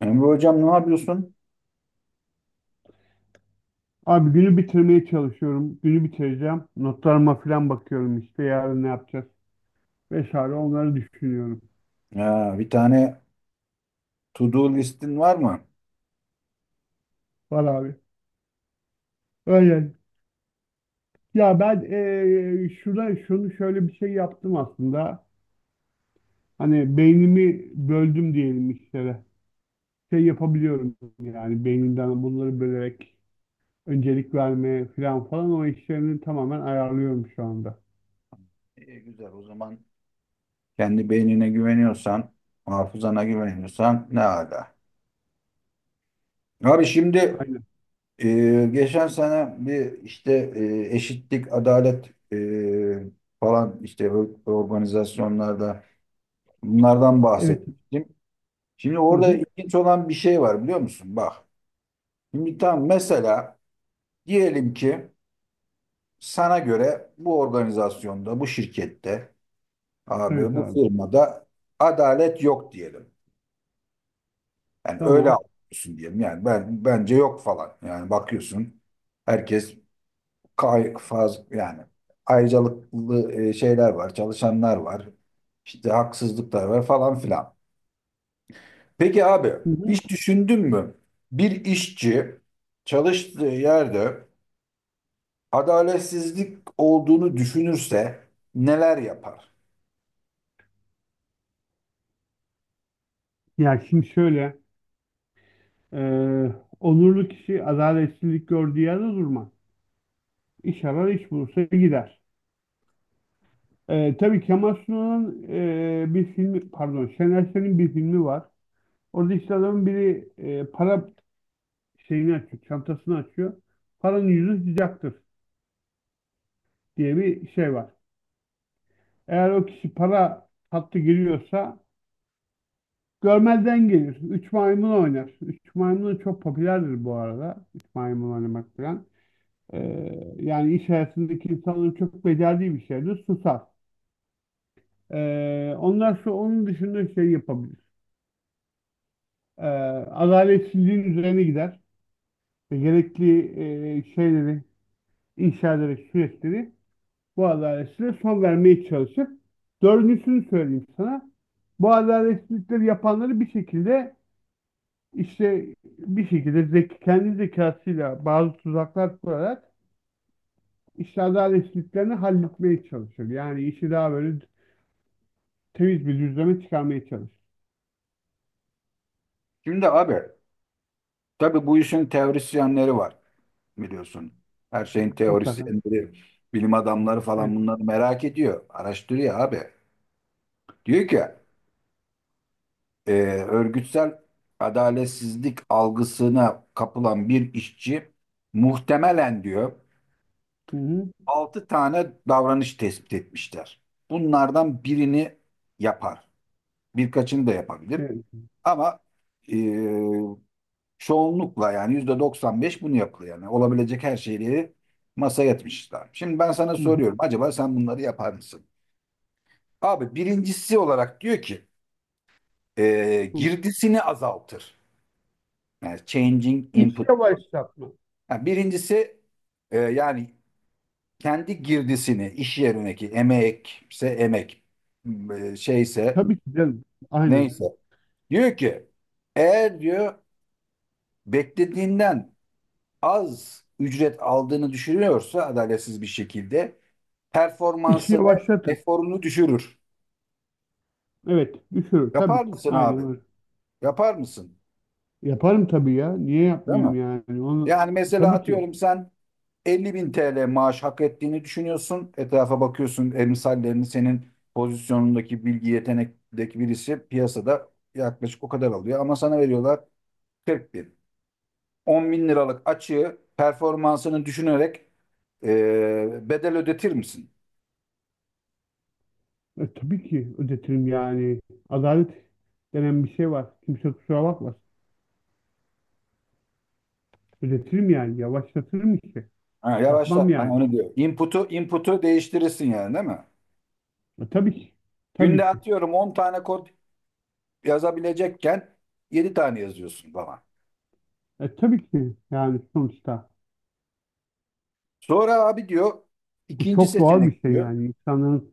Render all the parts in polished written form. Emre hocam, ne yapıyorsun? Abi günü bitirmeye çalışıyorum. Günü bitireceğim. Notlarıma falan bakıyorum, işte yarın ne yapacağız vesaire onları düşünüyorum. Ya, bir tane to do listin var mı? Var abi. Öyle. Ya ben şurada şunu şöyle bir şey yaptım aslında. Hani beynimi böldüm diyelim işlere. Şey yapabiliyorum yani beynimden bunları bölerek öncelik vermeye falan falan, o işlerini tamamen ayarlıyorum şu anda. İyi, güzel o zaman, kendi beynine güveniyorsan, hafızana güveniyorsan ne ala. Abi şimdi Aynen. Geçen sene bir işte eşitlik, adalet, falan işte organizasyonlarda bunlardan Evet. bahsetmiştim. Şimdi Hı orada hı. ilginç olan bir şey var, biliyor musun? Bak, şimdi tam mesela diyelim ki sana göre bu organizasyonda, bu şirkette, abi Evet bu abi. firmada adalet yok diyelim. Yani öyle Tamam. anlıyorsun diyelim. Yani ben, bence yok falan. Yani bakıyorsun herkes kay faz yani ayrıcalıklı şeyler var, çalışanlar var. İşte haksızlıklar var falan filan. Peki abi, Hı hı. hiç düşündün mü? Bir işçi çalıştığı yerde adaletsizlik olduğunu düşünürse neler yapar? Ya şimdi şöyle. Ee, Onurlu kişi adaletsizlik gördüğü yerde durmaz. İş arar, iş bulursa gider. Tabii Kemal Sunal'ın bir filmi, pardon Şener Şen'in bir filmi var. Orada işte adamın biri para şeyini açıyor, çantasını açıyor. Paranın yüzü sıcaktır diye bir şey var. Eğer o kişi para hattı giriyorsa görmezden gelir. Üç maymun oynar. Üç maymun çok popülerdir bu arada. Üç maymun oynamak falan. Yani iş hayatındaki insanların çok becerdiği bir şeydir. Susar. Onlar şu, onun dışında şey yapabilir. Ee, Adaletsizliğin üzerine gider. Ve gerekli şeyleri inşa ederek süreçleri bu adaletsizliğe son vermeye çalışır. Dördüncüsünü söyleyeyim sana. Bu adaletsizlikleri yapanları bir şekilde işte bir şekilde kendi zekasıyla bazı tuzaklar kurarak işte adaletsizliklerini halletmeye çalışır. Yani işi daha böyle temiz bir düzleme çıkarmaya çalış. Şimdi abi, tabii bu işin teorisyenleri var, biliyorsun. Her şeyin Mutlaka. teorisyenleri, bilim adamları falan Evet. bunları merak ediyor. Araştırıyor abi. Diyor ki e, örgütsel adaletsizlik algısına kapılan bir işçi muhtemelen diyor, Hı hı. 6 tane davranış tespit etmişler. Bunlardan birini yapar. Birkaçını da yapabilir. Evet. Ama e, çoğunlukla, yani %95 bunu yapıyor yani. Olabilecek her şeyi masaya yatmışlar. Şimdi ben sana Hı hı. soruyorum. Acaba sen bunları yapar mısın? Abi, birincisi olarak diyor ki Hı. girdisini azaltır. Yani changing İş input diyor. yavaşlatma. Yani birincisi, yani kendi girdisini, iş yerindeki emekse emek, şeyse Tabii ki canım. Aynen. neyse. Diyor ki eğer diyor beklediğinden az ücret aldığını düşünüyorsa adaletsiz bir şekilde İşi performansını, yavaşlatır. eforunu düşürür. Evet. Düşürür. Yapar Tabii ki. mısın abi? Aynen öyle. Yapar mısın? Yaparım tabii ya. Niye Değil yapmayayım mi? yani? Onu Yani mesela tabii ki. atıyorum, sen 50 bin TL maaş hak ettiğini düşünüyorsun. Etrafa bakıyorsun, emsallerini, senin pozisyonundaki bilgi yetenekteki birisi piyasada yaklaşık o kadar alıyor. Ama sana veriyorlar 40 bin. 10 bin liralık açığı performansını düşünerek bedel ödetir misin? E, tabii ki ödetirim yani. Adalet denen bir şey var. Kimse kusura bakmasın. Ödetirim yani. Yavaşlatırım işte. Ha, Yapmam yavaşlat. Ben yani. onu diyor. Input'u değiştirirsin yani, değil mi? E, tabii ki. Günde Tabii ki. atıyorum 10 tane kod yazabilecekken 7 tane yazıyorsun falan. E, tabii ki yani sonuçta. Sonra abi diyor Bu ikinci çok doğal bir seçenek şey diyor. yani. İnsanların.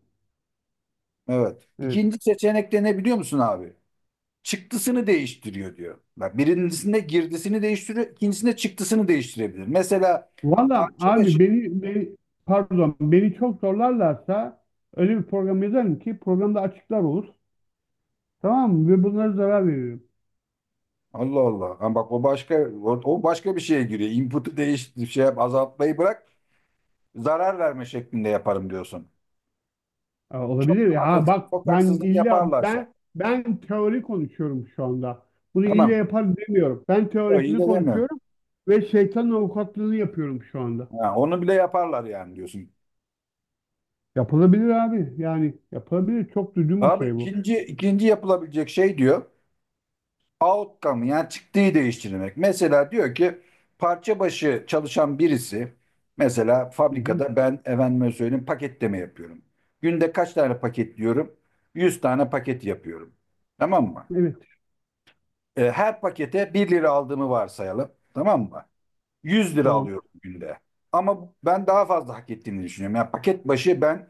Evet. Evet. İkinci seçenekte ne, biliyor musun abi? Çıktısını değiştiriyor diyor. Bak, birincisinde girdisini değiştiriyor, ikincisinde çıktısını değiştirebilir. Mesela Valla parça başı. abi beni, beni pardon, beni çok zorlarlarsa öyle bir program yazarım ki programda açıklar olur. Tamam mı? Ve bunlara zarar veririm. Allah Allah. Ha bak, o başka, o başka bir şeye giriyor. Input'u değiştir şey yap, azaltmayı bırak. Zarar verme şeklinde yaparım diyorsun. Aa, Çok, olabilir ya. Ha, bak, çok ben haksızlık illa yaparlarsa. ben teori konuşuyorum şu anda. Bunu illa Tamam. yapar demiyorum. Ben O iyi teorisini de demiyorum. konuşuyorum ve şeytanın avukatlığını yapıyorum şu anda. Ha, onu bile yaparlar yani diyorsun. Yapılabilir abi. Yani yapılabilir. Çok düzgün bir Abi, şey bu. ikinci yapılabilecek şey diyor. Outcome yani çıktığı değiştirmek. Mesela diyor ki parça başı çalışan birisi, mesela Hı hı. fabrikada ben efendime söyleyeyim paketleme yapıyorum. Günde kaç tane paketliyorum? 100 tane paket yapıyorum. Tamam mı? Evet. E, her pakete bir lira aldığımı varsayalım. Tamam mı? 100 lira Tamam. alıyorum günde. Ama ben daha fazla hak ettiğini düşünüyorum. Yani paket başı ben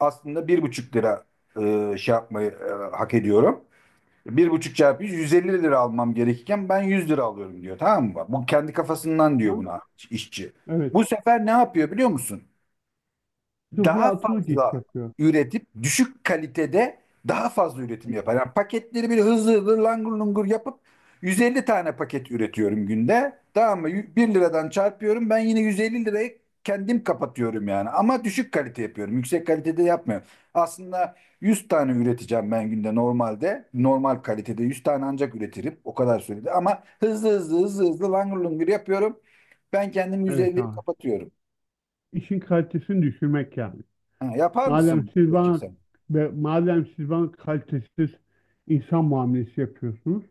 aslında bir buçuk lira şey yapmayı, hak ediyorum. Bir buçuk çarpı 100, 150 lira almam gerekirken ben 100 lira alıyorum diyor. Tamam mı? Bu kendi kafasından diyor Aha. buna işçi. Evet. Bu sefer ne yapıyor biliyor musun? Sıfıra Daha atılık iş fazla yapıyor. üretip düşük kalitede daha fazla üretim Hı. yapar. Yani paketleri bir hızlı hızlı langur lungur yapıp 150 tane paket üretiyorum günde. Tamam mı? 1 liradan çarpıyorum. Ben yine 150 lirayı kendim kapatıyorum yani. Ama düşük kalite yapıyorum. Yüksek kalitede yapmıyorum. Aslında 100 tane üreteceğim ben günde normalde. Normal kalitede 100 tane ancak üretirim. O kadar sürede. Ama hızlı hızlı langur lungur yapıyorum. Ben kendim Evet 150'yi abi. kapatıyorum. İşin kalitesini düşürmek yani. Ha, yapar Madem mısın siz peki bana sen? ve madem siz bana kalitesiz insan muamelesi yapıyorsunuz,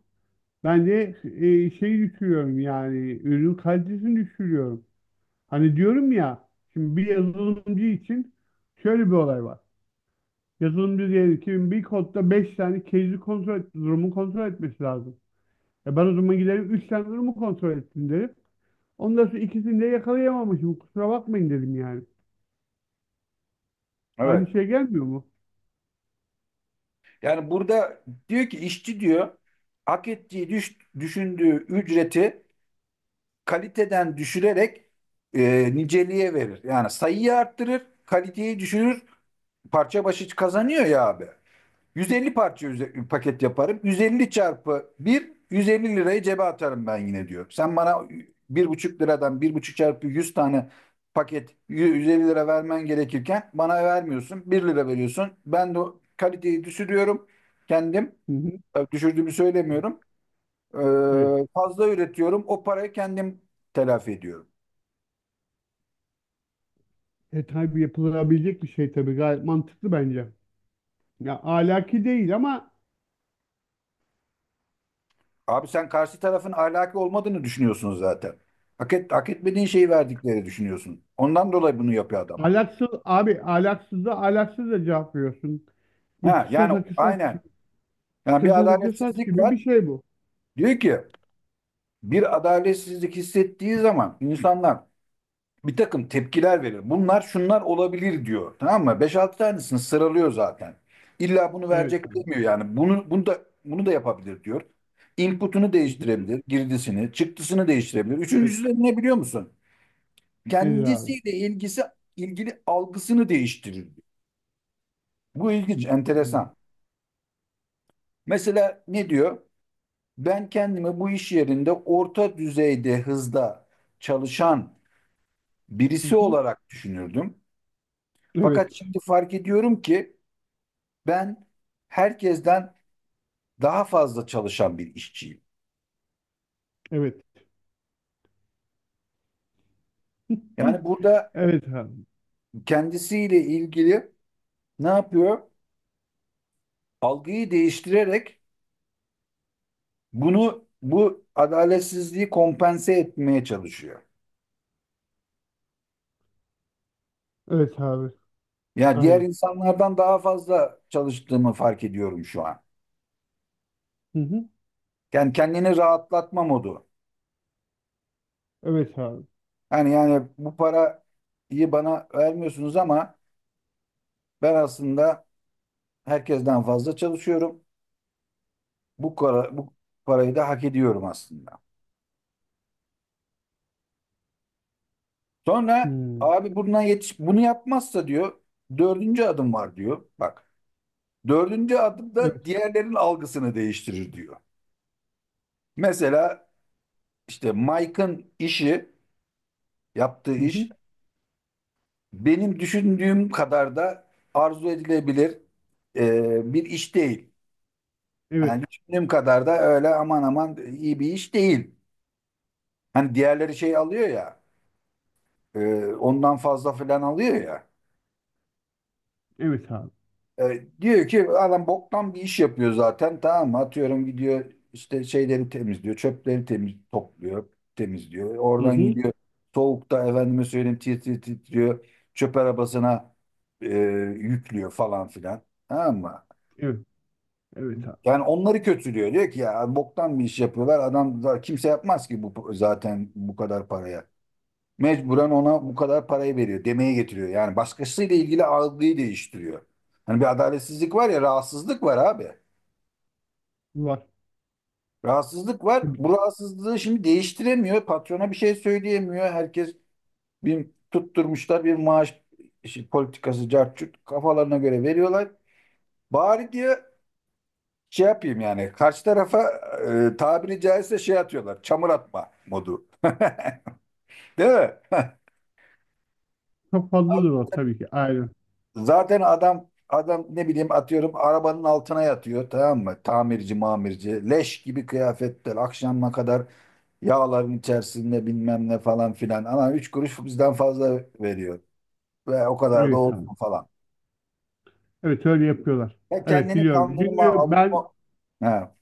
ben de şeyi düşürüyorum yani, ürün kalitesini düşürüyorum. Hani diyorum ya, şimdi bir yazılımcı için şöyle bir olay var. Yazılımcı diyelim ki bir kodda 5 tane case'i kontrol et, durumu kontrol etmesi lazım. E ben o zaman giderim 3 tane durumu kontrol ettim derim. Ondan sonra ikisini de yakalayamamışım. Kusura bakmayın dedim yani. Aynı Evet. şey gelmiyor mu? Yani burada diyor ki işçi diyor hak ettiği düşündüğü ücreti kaliteden düşürerek niceliğe verir. Yani sayıyı arttırır, kaliteyi düşürür, parça başı kazanıyor ya abi. 150 parça paket yaparım. 150 çarpı 1, 150 lirayı cebe atarım ben yine diyor. Sen bana bir buçuk liradan bir buçuk çarpı 100 tane paket 150 lira vermen gerekirken bana vermiyorsun. Bir lira veriyorsun. Ben de o kaliteyi düşürüyorum kendim. Hı hı. Düşürdüğümü söylemiyorum. Evet. Fazla üretiyorum. O parayı kendim telafi ediyorum. E tabii, yapılabilecek bir şey, tabii gayet mantıklı bence. Ya ahlaki değil ama Abi, sen karşı tarafın ahlaki olmadığını düşünüyorsun zaten. Hak, et, hak etmediğin şeyi verdikleri düşünüyorsun. Ondan dolayı bunu yapıyor adam. ahlaksız abi, ahlaksız da cevap veriyorsun. Bu Ha, yani kısasa kısas aynen. gibi, Yani bir kısasa kısas adaletsizlik gibi bir var. şey bu. Diyor ki bir adaletsizlik hissettiği zaman insanlar bir takım tepkiler verir. Bunlar şunlar olabilir diyor. Tamam mı? 5-6 tanesini sıralıyor zaten. İlla bunu verecek Evet abi. demiyor yani. Bunu, bunu da bunu da yapabilir diyor. Input'unu Hı hı. değiştirebilir, girdisini, çıktısını değiştirebilir. Evet. Üçüncüsü de ne, biliyor musun? Nedir abi? Kendisiyle ilgisi ilgili algısını değiştirir diyor. Bu ilginç, Hı enteresan. Mesela ne diyor? Ben kendimi bu iş yerinde orta düzeyde hızda çalışan birisi hı. olarak düşünürdüm. Fakat Evet. şimdi fark ediyorum ki ben herkesten daha fazla çalışan bir işçiyim. Evet. Hı. Yani burada Evet abi. kendisiyle ilgili ne yapıyor? Algıyı değiştirerek bunu, bu adaletsizliği kompense etmeye çalışıyor. Evet abi. Ya diğer Aynen. insanlardan daha fazla çalıştığımı fark ediyorum şu an. Hı hı. Yani kendini rahatlatma modu. Evet abi. Hani yani bu parayı bana vermiyorsunuz ama ben aslında herkesten fazla çalışıyorum. Bu, para, bu parayı da hak ediyorum aslında. Sonra Hı. abi bundan yetiş bunu yapmazsa diyor dördüncü adım var diyor. Bak, dördüncü adım da Evet. diğerlerin algısını değiştirir diyor. Mesela işte Mike'ın işi, yaptığı Hı iş hı. benim düşündüğüm kadar da arzu edilebilir bir iş değil. Evet. Yani düşündüğüm kadar da öyle aman aman iyi bir iş değil. Hani diğerleri şey alıyor ya, ondan fazla falan alıyor ya. Evet abi. E, diyor ki adam boktan bir iş yapıyor zaten, tamam mı? Atıyorum gidiyor işte şeyleri temizliyor, çöpleri temiz topluyor, temizliyor. Hı Oradan hı. gidiyor soğukta efendime söyleyeyim titriyor, titriyor. Çöp arabasına e, yüklüyor falan filan. Tamam mı? Evet. Evet abi. Yani onları kötülüyor. Diyor ki ya boktan bir iş yapıyorlar. Kimse yapmaz ki bu zaten, bu kadar paraya. Mecburen ona bu kadar parayı veriyor, demeye getiriyor. Yani başkasıyla ilgili algıyı değiştiriyor. Hani bir adaletsizlik var ya, rahatsızlık var abi. Var. Rahatsızlık var. Tabii ki. Bu rahatsızlığı şimdi değiştiremiyor. Patrona bir şey söyleyemiyor. Herkes bir tutturmuşlar bir maaş işi, politikası cart curt kafalarına göre veriyorlar. Bari diyor şey yapayım yani karşı tarafa tabiri caizse şey atıyorlar. Çamur atma modu. Değil mi? Çok fazladır o tabii ki. Aynen. Zaten adam, adam ne bileyim atıyorum arabanın altına yatıyor, tamam mı? Tamirci mamirci leş gibi kıyafetler, akşama kadar yağların içerisinde bilmem ne falan filan. Ama üç kuruş bizden fazla veriyor ve o kadar da Evet abi. olsun falan. Evet, öyle yapıyorlar. Ya Evet, kendini biliyorum. kandırma, Çünkü ben avutma. He.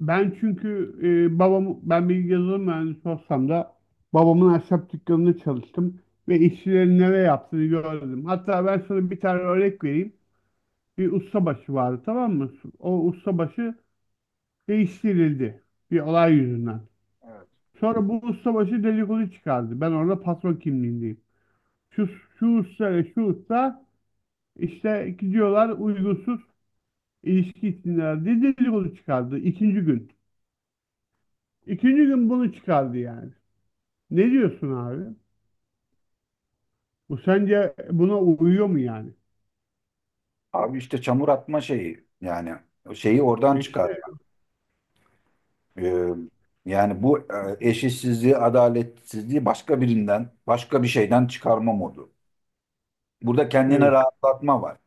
ben çünkü babam, ben bir yazılım mühendisi olsam da babamın ahşap dükkanında çalıştım ve işçilerin neler yaptığını gördüm. Hatta ben sana bir tane örnek vereyim. Bir ustabaşı vardı, tamam mı? O ustabaşı değiştirildi bir olay yüzünden. Evet. Sonra bu ustabaşı dedikodu çıkardı. Ben orada patron kimliğindeyim. Şu, şu usta ile şu usta İşte gidiyorlar, uygunsuz ilişki içindeler diye dedikodu çıkardı ikinci gün. İkinci gün bunu çıkardı yani. Ne diyorsun abi? Bu sence buna uyuyor mu yani? Abi işte çamur atma şeyi yani, o şeyi oradan E çıkar. işte Ee, Yani bu eşitsizliği, adaletsizliği başka birinden, başka bir şeyden çıkarma modu. Burada kendine evet. rahatlatma var.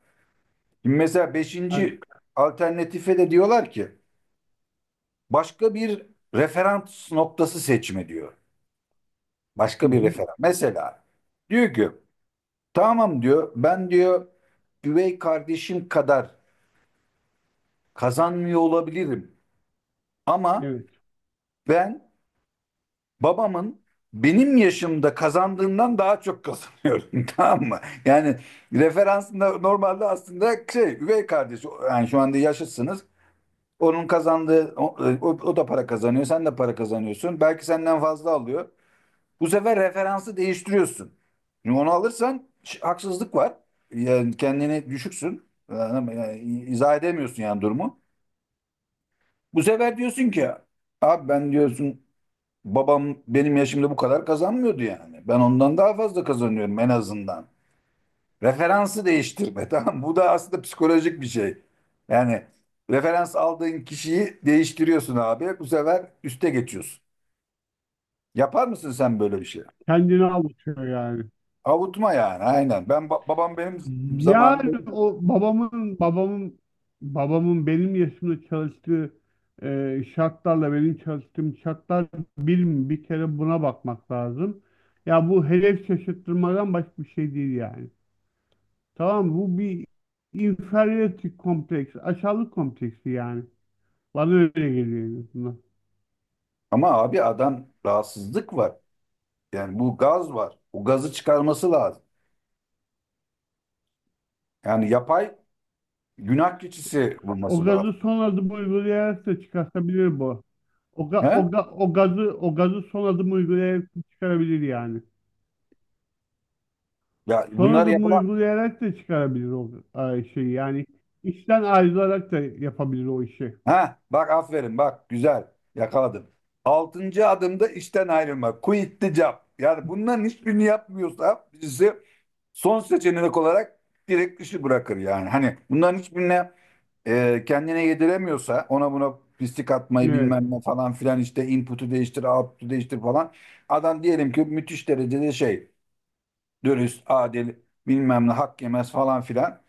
Şimdi mesela Yani, beşinci alternatife de diyorlar ki başka bir referans noktası seçme diyor. hı Başka bir hı, referans. Mesela diyor ki tamam diyor, ben diyor üvey kardeşim kadar kazanmıyor olabilirim ama evet. ben babamın benim yaşımda kazandığından daha çok kazanıyorum tamam mı? Yani referansında normalde aslında şey üvey kardeş, yani şu anda yaşıtsınız. Onun kazandığı, o da para kazanıyor, sen de para kazanıyorsun. Belki senden fazla alıyor. Bu sefer referansı değiştiriyorsun. Şimdi onu alırsan haksızlık var. Yani kendini düşüksün. Yani izah edemiyorsun yani durumu. Bu sefer diyorsun ki abi ben diyorsun babam benim yaşımda bu kadar kazanmıyordu yani. Ben ondan daha fazla kazanıyorum en azından. Referansı değiştirme tamam mı? Bu da aslında psikolojik bir şey. Yani referans aldığın kişiyi değiştiriyorsun abi. Bu sefer üste geçiyorsun. Yapar mısın sen böyle bir şey? Kendini avutuyor yani. Avutma yani, aynen. Ben babam benim zamanında Yani böyle- o babamın benim yaşımda çalıştığı şartlarla benim çalıştığım şartlar bir mi? Bir kere buna bakmak lazım. Ya bu hedef şaşırtmadan başka bir şey değil yani. Tamam, bu bir inferiority kompleksi, aşağılık kompleksi yani. Bana öyle geliyor en azından. ama abi adam rahatsızlık var. Yani bu gaz var. O gazı çıkarması lazım. Yani yapay günah keçisi O bulması gazı lazım. son adım uygulayarak da çıkartabilir bu. He? O gazı son adım uygulayarak da çıkarabilir yani. Ya Son bunlar adım yapılan. uygulayarak da çıkarabilir o şeyi yani. İşten ayrılarak da yapabilir o işi. Ha, bak aferin bak, güzel yakaladın. Altıncı adımda işten ayrılma. Quit the job. Yani bunların hiçbirini yapmıyorsa birisi, son seçenek olarak direkt işi bırakır yani. Hani bunların hiçbirine kendine yediremiyorsa, ona buna pislik atmayı Evet. bilmem ne falan filan, işte input'u değiştir, output'u değiştir falan. Adam diyelim ki müthiş derecede şey, dürüst, adil, bilmem ne, hak yemez falan filan.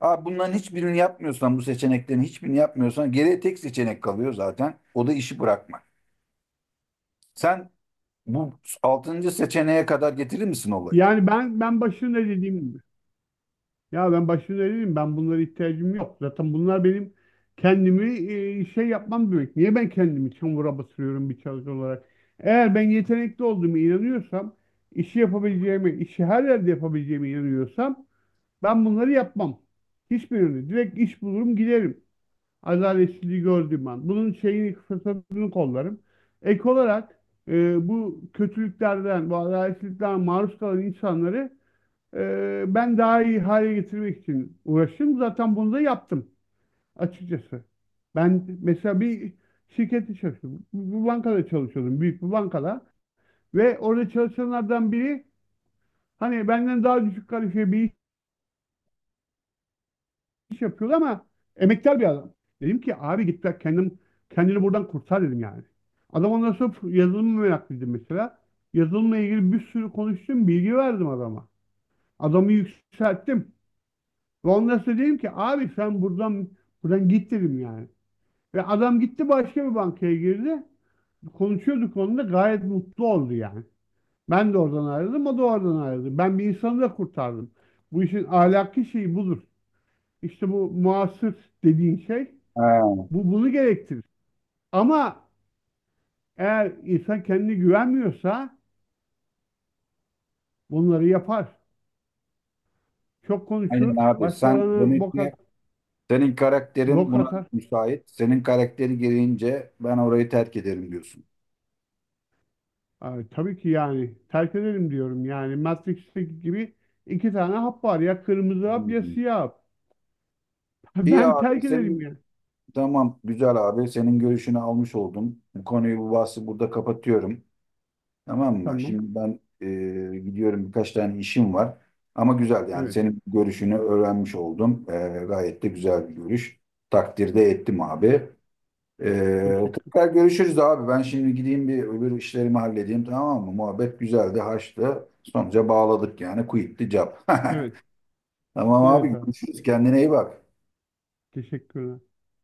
Abi bunların hiçbirini yapmıyorsan, bu seçeneklerin hiçbirini yapmıyorsan geriye tek seçenek kalıyor zaten. O da işi bırakmak. Sen bu altıncı seçeneğe kadar getirir misin olayı? Yani ben başında dediğim gibi. Ya ben başta söyleyeyim, ben bunlara ihtiyacım yok. Zaten bunlar benim kendimi şey yapmam demek. Niye ben kendimi çamura batırıyorum bir çalışan olarak? Eğer ben yetenekli olduğumu inanıyorsam, işi yapabileceğimi, işi her yerde yapabileceğimi inanıyorsam, ben bunları yapmam. Hiçbirini. Direkt iş bulurum, giderim. Adaletsizliği gördüğüm an. Bunun şeyini, fırsatını kollarım. Ek olarak bu kötülüklerden, bu adaletsizlikten maruz kalan insanları ben daha iyi hale getirmek için uğraştım. Zaten bunu da yaptım açıkçası. Ben mesela bir şirkette çalıştım. Bir bankada çalışıyordum. Büyük bir bankada. Ve orada çalışanlardan biri hani benden daha düşük kalifiye bir iş yapıyordu ama emektar bir adam. Dedim ki abi git bak, kendini buradan kurtar dedim yani. Adam ondan sonra yazılım meraklıydı mesela. Yazılımla ilgili bir sürü konuştum, bilgi verdim adama. Adamı yükselttim. Ve ondan sonra dedim ki abi sen buradan git dedim yani. Ve adam gitti, başka bir bankaya girdi. Konuşuyorduk onunla, gayet mutlu oldu yani. Ben de oradan ayrıldım, o da oradan ayrıldı. Ben bir insanı da kurtardım. Bu işin ahlaki şeyi budur. İşte bu muasır dediğin şey, Ha, bunu gerektirir. Ama eğer insan kendine güvenmiyorsa bunları yapar. Çok aynen konuşur, abi. Sen başkalarına demek bok ki, at- senin karakterin bok buna atar. müsait. Senin karakteri gereğince ben orayı terk ederim diyorsun. Ay, tabii ki yani, terk edelim diyorum. Yani Matrix'teki gibi iki tane hap var. Ya kırmızı Hı hap ya hı. siyah hap. İyi Ben abi, terk ederim senin yani. tamam, güzel abi, senin görüşünü almış oldum. Bu konuyu, bu bahsi burada kapatıyorum. Tamam mı? Tamam. Şimdi ben gidiyorum, birkaç tane işim var. Ama güzel yani, Evet. senin görüşünü öğrenmiş oldum. E, gayet de güzel bir görüş. Takdirde ettim abi. E, Teşekkür. tekrar görüşürüz abi. Ben şimdi gideyim bir, öbür işlerimi halledeyim, tamam mı? Muhabbet güzeldi, haçtı. Sonuca bağladık yani. Quit the job. Evet. Tamam Evet abi, abi. görüşürüz. Kendine iyi bak. Teşekkürler.